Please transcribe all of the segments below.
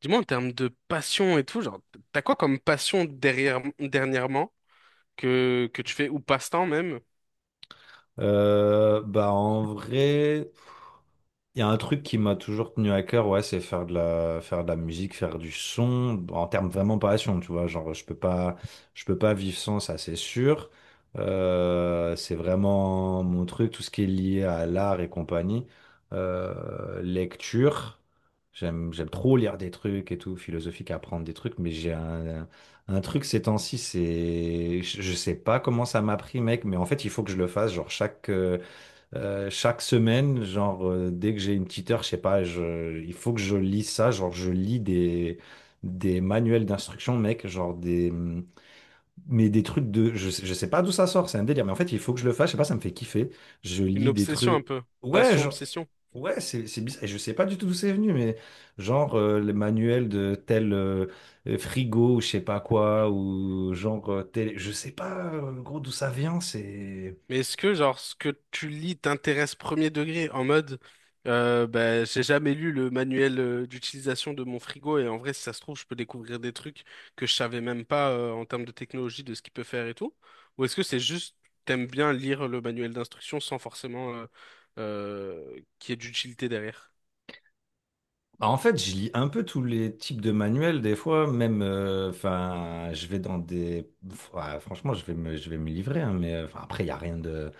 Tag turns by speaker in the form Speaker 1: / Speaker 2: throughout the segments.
Speaker 1: Dis-moi, en termes de passion et tout, genre, t'as quoi comme passion derrière, dernièrement que tu fais, ou passe-temps même?
Speaker 2: Bah en vrai, il y a un truc qui m'a toujours tenu à cœur, ouais, c'est faire de la musique, faire du son, en termes vraiment passion, tu vois, genre je peux pas vivre sans ça, c'est sûr. C'est vraiment mon truc, tout ce qui est lié à l'art et compagnie. Lecture, j'aime trop lire des trucs et tout, philosophique, apprendre des trucs, mais j'ai un truc ces temps-ci, c'est, je sais pas comment ça m'a pris, mec, mais en fait il faut que je le fasse, genre chaque semaine, genre, dès que j'ai une petite heure, je sais pas, il faut que je lis ça. Genre, je lis des manuels d'instruction, mec. Genre, des, mais des trucs de. Je sais pas d'où ça sort, c'est un délire. Mais en fait, il faut que je le fasse. Je sais pas, ça me fait kiffer. Je
Speaker 1: Une
Speaker 2: lis des
Speaker 1: obsession un
Speaker 2: trucs.
Speaker 1: peu.
Speaker 2: Ouais,
Speaker 1: Passion,
Speaker 2: genre.
Speaker 1: obsession.
Speaker 2: Ouais, c'est bizarre. Et je sais pas du tout d'où c'est venu, mais genre, le manuel de tel frigo ou je sais pas quoi, ou genre, tel. Je sais pas, gros, d'où ça vient. C'est.
Speaker 1: Mais est-ce que, genre, ce que tu lis t'intéresse premier degré, en mode, bah, j'ai jamais lu le manuel d'utilisation de mon frigo, et en vrai, si ça se trouve, je peux découvrir des trucs que je savais même pas en termes de technologie, de ce qu'il peut faire et tout? Ou est-ce que c'est juste, t'aimes bien lire le manuel d'instruction sans forcément qu'il y ait d'utilité derrière?
Speaker 2: Bah, en fait, je lis un peu tous les types de manuels des fois, même, enfin, je vais dans des, ouais, franchement, je vais me livrer, hein, mais 'fin, après, il y a rien de,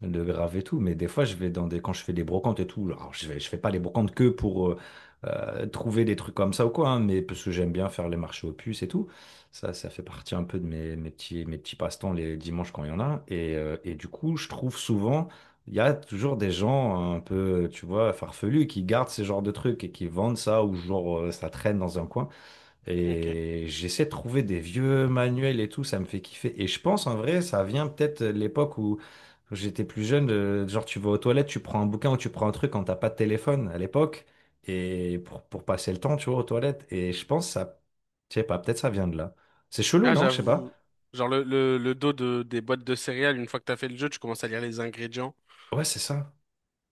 Speaker 2: de grave et tout, mais des fois, je vais dans des, quand je fais des brocantes et tout, alors je vais, je fais pas les brocantes que pour trouver des trucs comme ça ou quoi, hein, mais parce que j'aime bien faire les marchés aux puces et tout, ça fait partie un peu de mes petits passe-temps les dimanches quand il y en a, et du coup, je trouve souvent il y a toujours des gens un peu, tu vois, farfelus qui gardent ces genres de trucs et qui vendent ça ou genre ça traîne dans un coin.
Speaker 1: Ok.
Speaker 2: Et j'essaie de trouver des vieux manuels et tout, ça me fait kiffer. Et je pense en vrai, ça vient peut-être de l'époque où j'étais plus jeune, genre tu vas aux toilettes, tu prends un bouquin ou tu prends un truc quand t'as pas de téléphone à l'époque et pour passer le temps, tu vois, aux toilettes. Et je pense ça, je sais pas, peut-être ça vient de là. C'est chelou,
Speaker 1: Ah,
Speaker 2: non? Je sais pas.
Speaker 1: j'avoue. Genre le dos des boîtes de céréales, une fois que t'as fait le jeu, tu commences à lire les ingrédients.
Speaker 2: Ouais, c'est ça.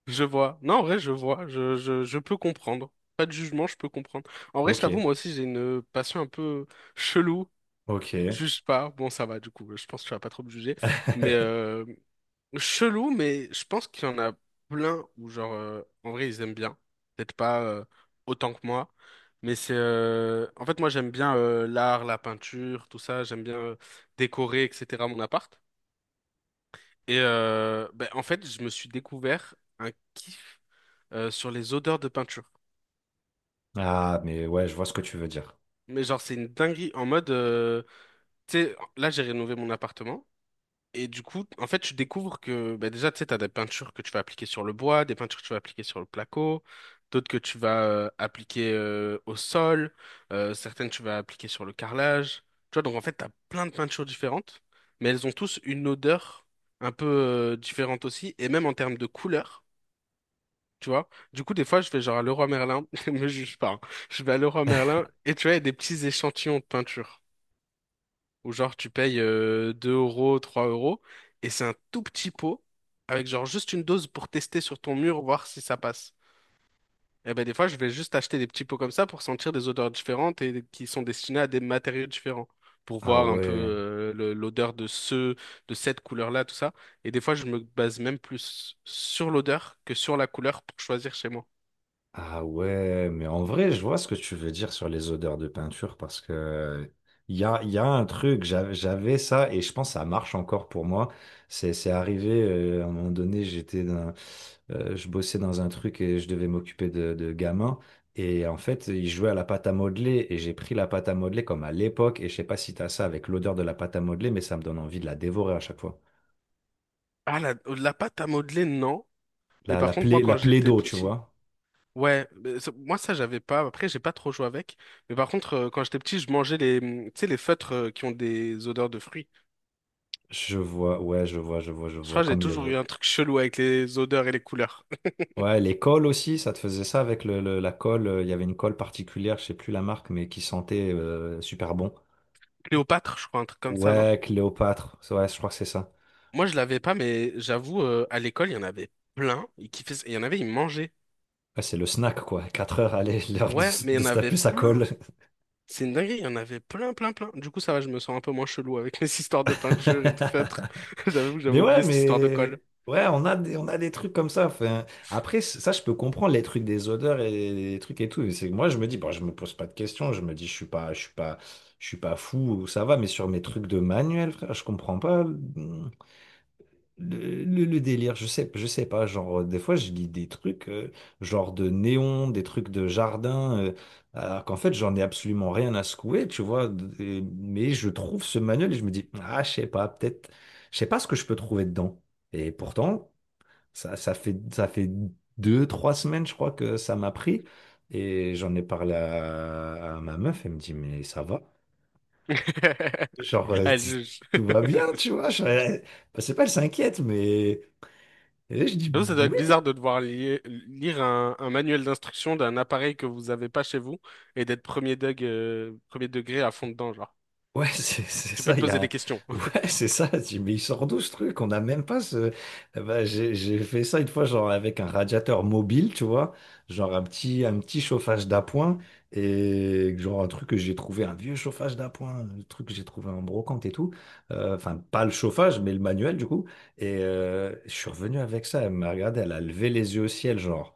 Speaker 1: Je vois. Non, en vrai, je vois. Je peux comprendre. Pas de jugement, je peux comprendre. En vrai, je
Speaker 2: Ok,
Speaker 1: t'avoue, moi aussi, j'ai une passion un peu chelou.
Speaker 2: ok.
Speaker 1: Juge pas. Bon, ça va, du coup. Je pense que tu vas pas trop me juger. Mais, chelou, mais je pense qu'il y en a plein où, genre, en vrai, ils aiment bien. Peut-être pas autant que moi, mais c'est. En fait, moi, j'aime bien l'art, la peinture, tout ça. J'aime bien décorer, etc. mon appart. Et ben, en fait, je me suis découvert un kiff sur les odeurs de peinture.
Speaker 2: Ah, mais ouais, je vois ce que tu veux dire.
Speaker 1: Mais genre, c'est une dinguerie en mode. Tu sais, là, j'ai rénové mon appartement. Et du coup, en fait, tu découvres que bah, déjà, tu sais, tu as des peintures que tu vas appliquer sur le bois, des peintures que tu vas appliquer sur le placo, d'autres que tu vas appliquer au sol, certaines tu vas appliquer sur le carrelage. Tu vois, donc en fait, tu as plein de peintures différentes, mais elles ont tous une odeur un peu différente aussi, et même en termes de couleur, tu vois. Du coup, des fois, je vais genre à Leroy Merlin, ne me juge pas, hein. Je vais à Leroy Merlin, et tu vois, il y a des petits échantillons de peinture où genre tu payes 2 euros, 3 euros, et c'est un tout petit pot avec genre juste une dose pour tester sur ton mur, voir si ça passe. Et ben des fois, je vais juste acheter des petits pots comme ça pour sentir des odeurs différentes et qui sont destinés à des matériaux différents, pour
Speaker 2: Ah
Speaker 1: voir un peu
Speaker 2: ouais,
Speaker 1: l'odeur de cette couleur-là, tout ça. Et des fois, je me base même plus sur l'odeur que sur la couleur pour choisir chez moi.
Speaker 2: ah ouais, mais en vrai, je vois ce que tu veux dire sur les odeurs de peinture parce que il y a un truc, j'avais ça et je pense que ça marche encore pour moi. C'est arrivé à un moment donné, je bossais dans un truc et je devais m'occuper de gamins. Et en fait, ils jouaient à la pâte à modeler et j'ai pris la pâte à modeler comme à l'époque. Et je sais pas si t'as ça avec l'odeur de la pâte à modeler, mais ça me donne envie de la dévorer à chaque fois.
Speaker 1: Ah, la pâte à modeler, non. Mais
Speaker 2: La,
Speaker 1: par
Speaker 2: la
Speaker 1: contre, moi,
Speaker 2: plaie, la
Speaker 1: quand
Speaker 2: plaie
Speaker 1: j'étais
Speaker 2: d'eau, tu
Speaker 1: petit,
Speaker 2: vois.
Speaker 1: ouais, mais moi ça j'avais pas. Après j'ai pas trop joué avec. Mais par contre quand j'étais petit je mangeais les, tu sais les feutres qui ont des odeurs de fruits.
Speaker 2: Je vois, ouais, je vois, je vois, je
Speaker 1: Je
Speaker 2: vois.
Speaker 1: crois que j'ai
Speaker 2: Comme les.
Speaker 1: toujours eu un truc chelou avec les odeurs et les couleurs.
Speaker 2: Ouais, les cols aussi, ça te faisait ça avec la colle. Il y avait une colle particulière, je sais plus la marque, mais qui sentait super bon.
Speaker 1: Cléopâtre je crois un truc comme ça non?
Speaker 2: Ouais, Cléopâtre. Ouais, je crois que c'est ça.
Speaker 1: Moi je l'avais pas mais j'avoue à l'école il y en avait plein. Ils kiffaient ça. Il y en avait ils mangeaient.
Speaker 2: Ouais, c'est le snack, quoi. 4 heures, allez, l'heure de,
Speaker 1: Ouais
Speaker 2: se-
Speaker 1: mais il y
Speaker 2: de
Speaker 1: en
Speaker 2: se
Speaker 1: avait
Speaker 2: taper sa
Speaker 1: plein.
Speaker 2: colle.
Speaker 1: C'est une dinguerie il y en avait plein plein plein. Du coup ça va je me sens un peu moins chelou avec mes histoires de peinture et de feutres. J'avoue que j'avais oublié cette histoire de colle.
Speaker 2: Mais ouais, on a des trucs comme ça. Enfin, après, ça, je peux comprendre les trucs des odeurs et les trucs et tout. Mais c'est que moi, je me dis, bon, je me pose pas de questions. Je me dis, je suis pas fou. Ça va. Mais sur mes trucs de manuel, frère, je comprends pas. Hmm. Le délire, je sais pas, genre, des fois, je lis des trucs, genre de néons, des trucs de jardin, alors qu'en fait, j'en ai absolument rien à secouer, tu vois, mais je trouve ce manuel et je me dis, ah, je sais pas, peut-être, je sais pas ce que je peux trouver dedans. Et pourtant, ça, ça fait 2, 3 semaines, je crois, que ça m'a pris, et j'en ai parlé à ma meuf, elle me dit, mais ça va, genre,
Speaker 1: Allez, juge.
Speaker 2: tout va bien, tu vois, bah, c'est pas, elle s'inquiète, mais. Et là, je dis,
Speaker 1: J'avoue, ça doit être
Speaker 2: oui,
Speaker 1: bizarre de devoir lire un manuel d'instruction d'un appareil que vous avez pas chez vous et d'être premier degré à fond dedans, genre.
Speaker 2: ouais, c'est
Speaker 1: Tu peux
Speaker 2: ça,
Speaker 1: te
Speaker 2: il y
Speaker 1: poser des
Speaker 2: a.
Speaker 1: questions.
Speaker 2: Ouais, c'est ça. Je dis, mais il sort d'où ce truc? On n'a même pas ce. Eh ben, j'ai fait ça une fois, genre avec un radiateur mobile, tu vois, genre un petit chauffage d'appoint, et genre un truc que j'ai trouvé, un vieux chauffage d'appoint, un truc que j'ai trouvé en brocante et tout. Enfin, pas le chauffage, mais le manuel, du coup, et je suis revenu avec ça, elle m'a regardé, elle a levé les yeux au ciel, genre.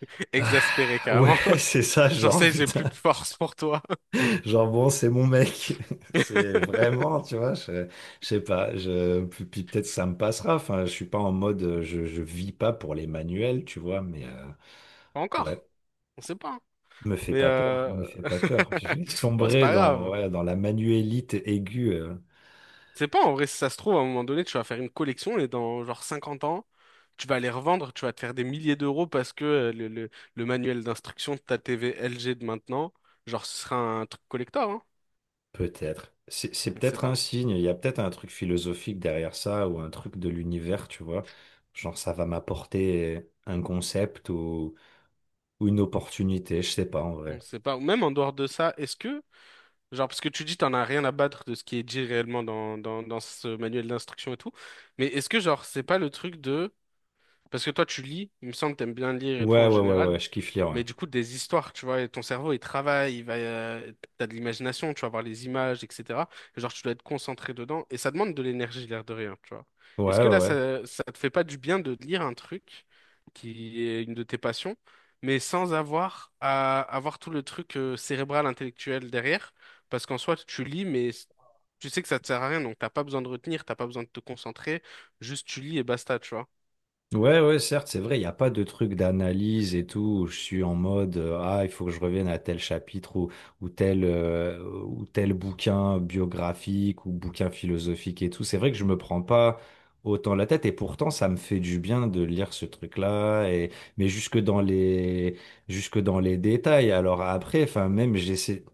Speaker 2: Ah,
Speaker 1: Exaspéré,
Speaker 2: ouais,
Speaker 1: carrément.
Speaker 2: c'est ça,
Speaker 1: J'en
Speaker 2: genre,
Speaker 1: sais, j'ai plus
Speaker 2: putain.
Speaker 1: de force pour toi.
Speaker 2: Genre bon, c'est mon mec. C'est vraiment, tu vois, je sais pas. Je, puis puis peut-être ça me passera. Enfin, je suis pas en mode, je vis pas pour les manuels, tu vois. Mais
Speaker 1: Pas
Speaker 2: ouais,
Speaker 1: encore. On sait pas, hein.
Speaker 2: me fait
Speaker 1: Mais
Speaker 2: pas peur, me fait pas peur. Je vais
Speaker 1: bon, c'est
Speaker 2: sombrer
Speaker 1: pas
Speaker 2: dans,
Speaker 1: grave.
Speaker 2: ouais, dans la manuélite aiguë,
Speaker 1: C'est pas en vrai, si ça se trouve, à un moment donné, tu vas faire une collection et dans genre 50 ans, tu vas les revendre, tu vas te faire des milliers d'euros parce que le manuel d'instruction de ta TV LG de maintenant, genre ce sera un truc collector, hein.
Speaker 2: peut-être. C'est
Speaker 1: On sait
Speaker 2: peut-être
Speaker 1: pas.
Speaker 2: un signe. Il y a peut-être un truc philosophique derrière ça ou un truc de l'univers, tu vois. Genre ça va m'apporter un concept ou une opportunité. Je sais pas en
Speaker 1: On
Speaker 2: vrai.
Speaker 1: sait pas. Ou même en dehors de ça, est-ce que, genre, parce que tu dis t'en as rien à battre de ce qui est dit réellement dans ce manuel d'instruction et tout, mais est-ce que, genre, c'est pas le truc de. Parce que toi, tu lis, il me semble que t'aimes bien lire et tout
Speaker 2: Ouais,
Speaker 1: en
Speaker 2: ouais, ouais, ouais.
Speaker 1: général.
Speaker 2: Je kiffe lire. Ouais.
Speaker 1: Mais du coup, des histoires, tu vois, et ton cerveau, il travaille, il va, t'as de l'imagination, tu vas voir les images, etc. Et genre, tu dois être concentré dedans. Et ça demande de l'énergie, l'air de rien, tu vois.
Speaker 2: Ouais,
Speaker 1: Est-ce que
Speaker 2: ouais,
Speaker 1: là,
Speaker 2: ouais.
Speaker 1: ça te fait pas du bien de lire un truc qui est une de tes passions, mais sans avoir à avoir tout le truc cérébral, intellectuel derrière? Parce qu'en soi, tu lis, mais tu sais que ça te sert à rien, donc t'as pas besoin de retenir, t'as pas besoin de te concentrer, juste tu lis et basta, tu vois.
Speaker 2: Ouais, ouais, certes, c'est vrai, il n'y a pas de truc d'analyse et tout, où je suis en mode, ah, il faut que je revienne à tel chapitre ou tel bouquin biographique ou bouquin philosophique et tout. C'est vrai que je me prends pas autant la tête et pourtant, ça me fait du bien de lire ce truc-là et, mais jusque dans les détails. Alors après, enfin, même j'essaie,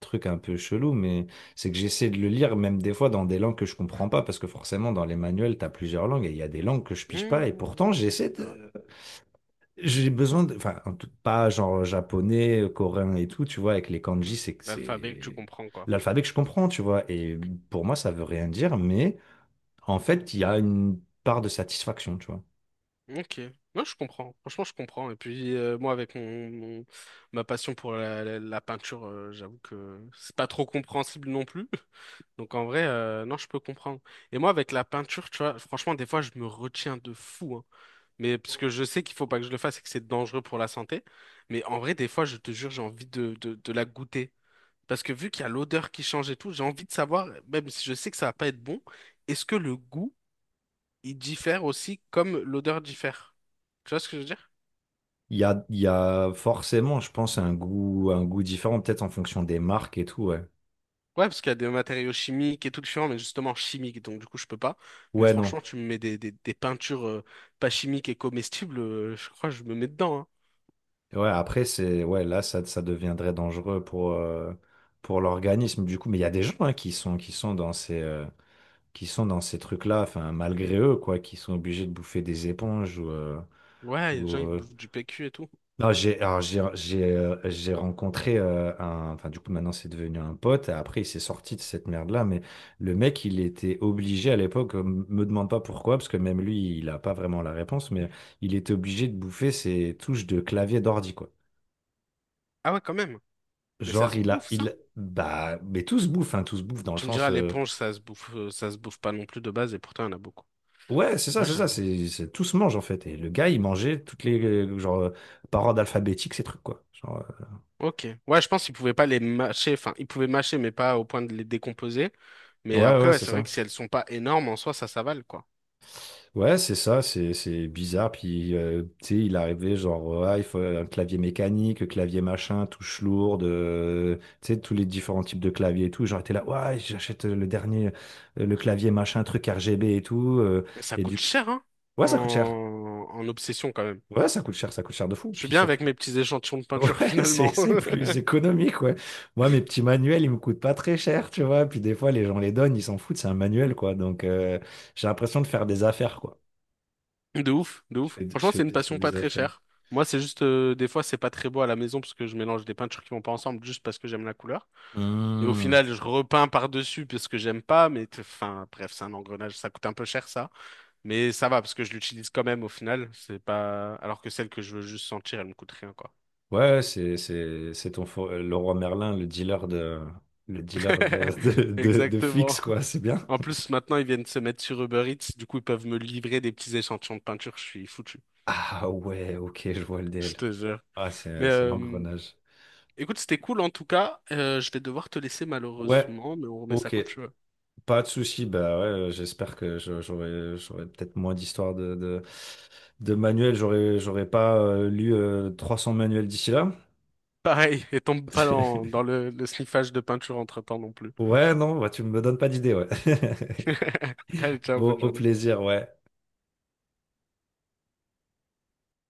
Speaker 2: truc un peu chelou, mais c'est que j'essaie de le lire même des fois dans des langues que je comprends pas, parce que forcément dans les manuels, tu as plusieurs langues et il y a des langues que je pige pas, et
Speaker 1: Mmh.
Speaker 2: pourtant j'essaie
Speaker 1: C'est vrai.
Speaker 2: de. J'ai besoin de. Enfin, pas genre japonais, coréen et tout, tu vois, avec les
Speaker 1: Ouais.
Speaker 2: kanji, c'est que
Speaker 1: L'alphabet que tu
Speaker 2: c'est.
Speaker 1: comprends, quoi.
Speaker 2: L'alphabet que je comprends, tu vois, et pour moi ça veut rien dire, mais en fait il y a une part de satisfaction, tu vois.
Speaker 1: Ok. Moi, je comprends. Franchement, je comprends. Et puis, moi, avec ma passion pour la peinture, j'avoue que c'est pas trop compréhensible non plus. Donc, en vrai, non, je peux comprendre. Et moi, avec la peinture, tu vois, franchement, des fois, je me retiens de fou, hein. Mais parce que je sais qu'il faut pas que je le fasse et que c'est dangereux pour la santé. Mais en vrai, des fois, je te jure, j'ai envie de la goûter. Parce que vu qu'il y a l'odeur qui change et tout, j'ai envie de savoir, même si je sais que ça va pas être bon, est-ce que le goût il diffère aussi comme l'odeur diffère. Tu vois ce que je veux dire?
Speaker 2: Il y a forcément, je pense, un goût différent, peut-être en fonction des marques et tout, ouais.
Speaker 1: Ouais, parce qu'il y a des matériaux chimiques et tout différents, mais justement chimiques, donc du coup je peux pas. Mais
Speaker 2: Ouais, non.
Speaker 1: franchement, tu me mets des peintures pas chimiques et comestibles, je crois que je me mets dedans, hein.
Speaker 2: Ouais, après, c'est, ouais, là, ça deviendrait dangereux pour l'organisme, du coup. Mais il y a des gens hein, qui sont dans ces, qui sont dans ces trucs-là, enfin, malgré eux, quoi, qui sont obligés de bouffer des éponges.
Speaker 1: Ouais, il y a
Speaker 2: Ou,
Speaker 1: des gens qui
Speaker 2: euh,
Speaker 1: bouffent du PQ et tout.
Speaker 2: Non, alors, j'ai rencontré un, enfin, du coup, maintenant, c'est devenu un pote, et après, il s'est sorti de cette merde-là, mais le mec, il était obligé à l'époque, me demande pas pourquoi, parce que même lui, il a pas vraiment la réponse, mais il était obligé de bouffer ses touches de clavier d'ordi, quoi.
Speaker 1: Ah ouais, quand même. Mais ça
Speaker 2: Genre,
Speaker 1: se bouffe, ça?
Speaker 2: bah, mais tout se bouffe, hein, tout se bouffe dans le
Speaker 1: Tu me
Speaker 2: sens,
Speaker 1: diras, l'éponge, ça se bouffe pas non plus de base, et pourtant il y en a beaucoup.
Speaker 2: ouais,
Speaker 1: Ouais,
Speaker 2: c'est ça,
Speaker 1: j'avoue.
Speaker 2: tout se mange en fait. Et le gars, il mangeait toutes les, genre, par ordre alphabétique, ces trucs, quoi. Genre,
Speaker 1: Ok. Ouais, je pense qu'ils pouvaient pas les mâcher, enfin, ils pouvaient mâcher, mais pas au point de les décomposer. Mais
Speaker 2: ouais,
Speaker 1: après,
Speaker 2: ouais,
Speaker 1: ouais,
Speaker 2: c'est
Speaker 1: c'est vrai que
Speaker 2: ça.
Speaker 1: si elles sont pas énormes, en soi, ça s'avale, quoi.
Speaker 2: Ouais, c'est ça, c'est bizarre. Puis, tu sais, il arrivait, genre, ouais, il faut un clavier mécanique, clavier machin, touche lourde, tu sais, tous les différents types de claviers et tout. Genre, t'es là, ouais, j'achète le dernier, le clavier machin, truc RGB et tout.
Speaker 1: Ça
Speaker 2: Et
Speaker 1: coûte
Speaker 2: du,
Speaker 1: cher, hein,
Speaker 2: ouais, ça coûte cher.
Speaker 1: en, en obsession quand même.
Speaker 2: Ouais, ça coûte cher de fou.
Speaker 1: Je suis
Speaker 2: Puis
Speaker 1: bien avec
Speaker 2: surtout,
Speaker 1: mes petits échantillons de peinture
Speaker 2: ouais, c'est
Speaker 1: finalement.
Speaker 2: c'est plus économique, ouais. Moi, mes petits manuels, ils me coûtent pas très cher, tu vois. Puis des fois, les gens les donnent, ils s'en foutent, c'est un manuel, quoi. Donc, j'ai l'impression de faire des affaires, quoi.
Speaker 1: De ouf, de
Speaker 2: Je
Speaker 1: ouf.
Speaker 2: fais, je
Speaker 1: Franchement, c'est une
Speaker 2: fais- je fais
Speaker 1: passion pas
Speaker 2: des
Speaker 1: très
Speaker 2: affaires.
Speaker 1: chère. Moi, c'est juste, des fois, c'est pas très beau à la maison parce que je mélange des peintures qui vont pas ensemble juste parce que j'aime la couleur. Et au
Speaker 2: Hmm.
Speaker 1: final, je repeins par-dessus parce que j'aime pas, enfin, bref, c'est un engrenage. Ça coûte un peu cher, ça. Mais ça va parce que je l'utilise quand même au final. C'est pas, alors que celle que je veux juste sentir, elle me coûte rien, quoi.
Speaker 2: Ouais, c'est ton le roi Merlin, de, de, de
Speaker 1: Exactement.
Speaker 2: fixe, quoi. C'est bien.
Speaker 1: En plus, maintenant, ils viennent se mettre sur Uber Eats, du coup, ils peuvent me livrer des petits échantillons de peinture, je suis foutu,
Speaker 2: Ah ouais, ok, je vois le
Speaker 1: je
Speaker 2: DL.
Speaker 1: te jure.
Speaker 2: Ah,
Speaker 1: Mais
Speaker 2: c'est l'engrenage.
Speaker 1: écoute, c'était cool en tout cas. Je vais devoir te laisser
Speaker 2: Ouais,
Speaker 1: malheureusement, mais on remet ça
Speaker 2: ok.
Speaker 1: quand tu veux.
Speaker 2: Pas de souci, bah ouais, j'espère que j'aurai peut-être moins d'histoires de manuels, j'aurais pas lu 300 manuels d'ici là.
Speaker 1: Pareil, et tombe pas dans, dans le sniffage de peinture entre-temps non plus.
Speaker 2: Ouais, non, bah, tu me donnes pas d'idée, ouais.
Speaker 1: Allez, ciao,
Speaker 2: Bon,
Speaker 1: bonne
Speaker 2: au
Speaker 1: journée.
Speaker 2: plaisir, ouais.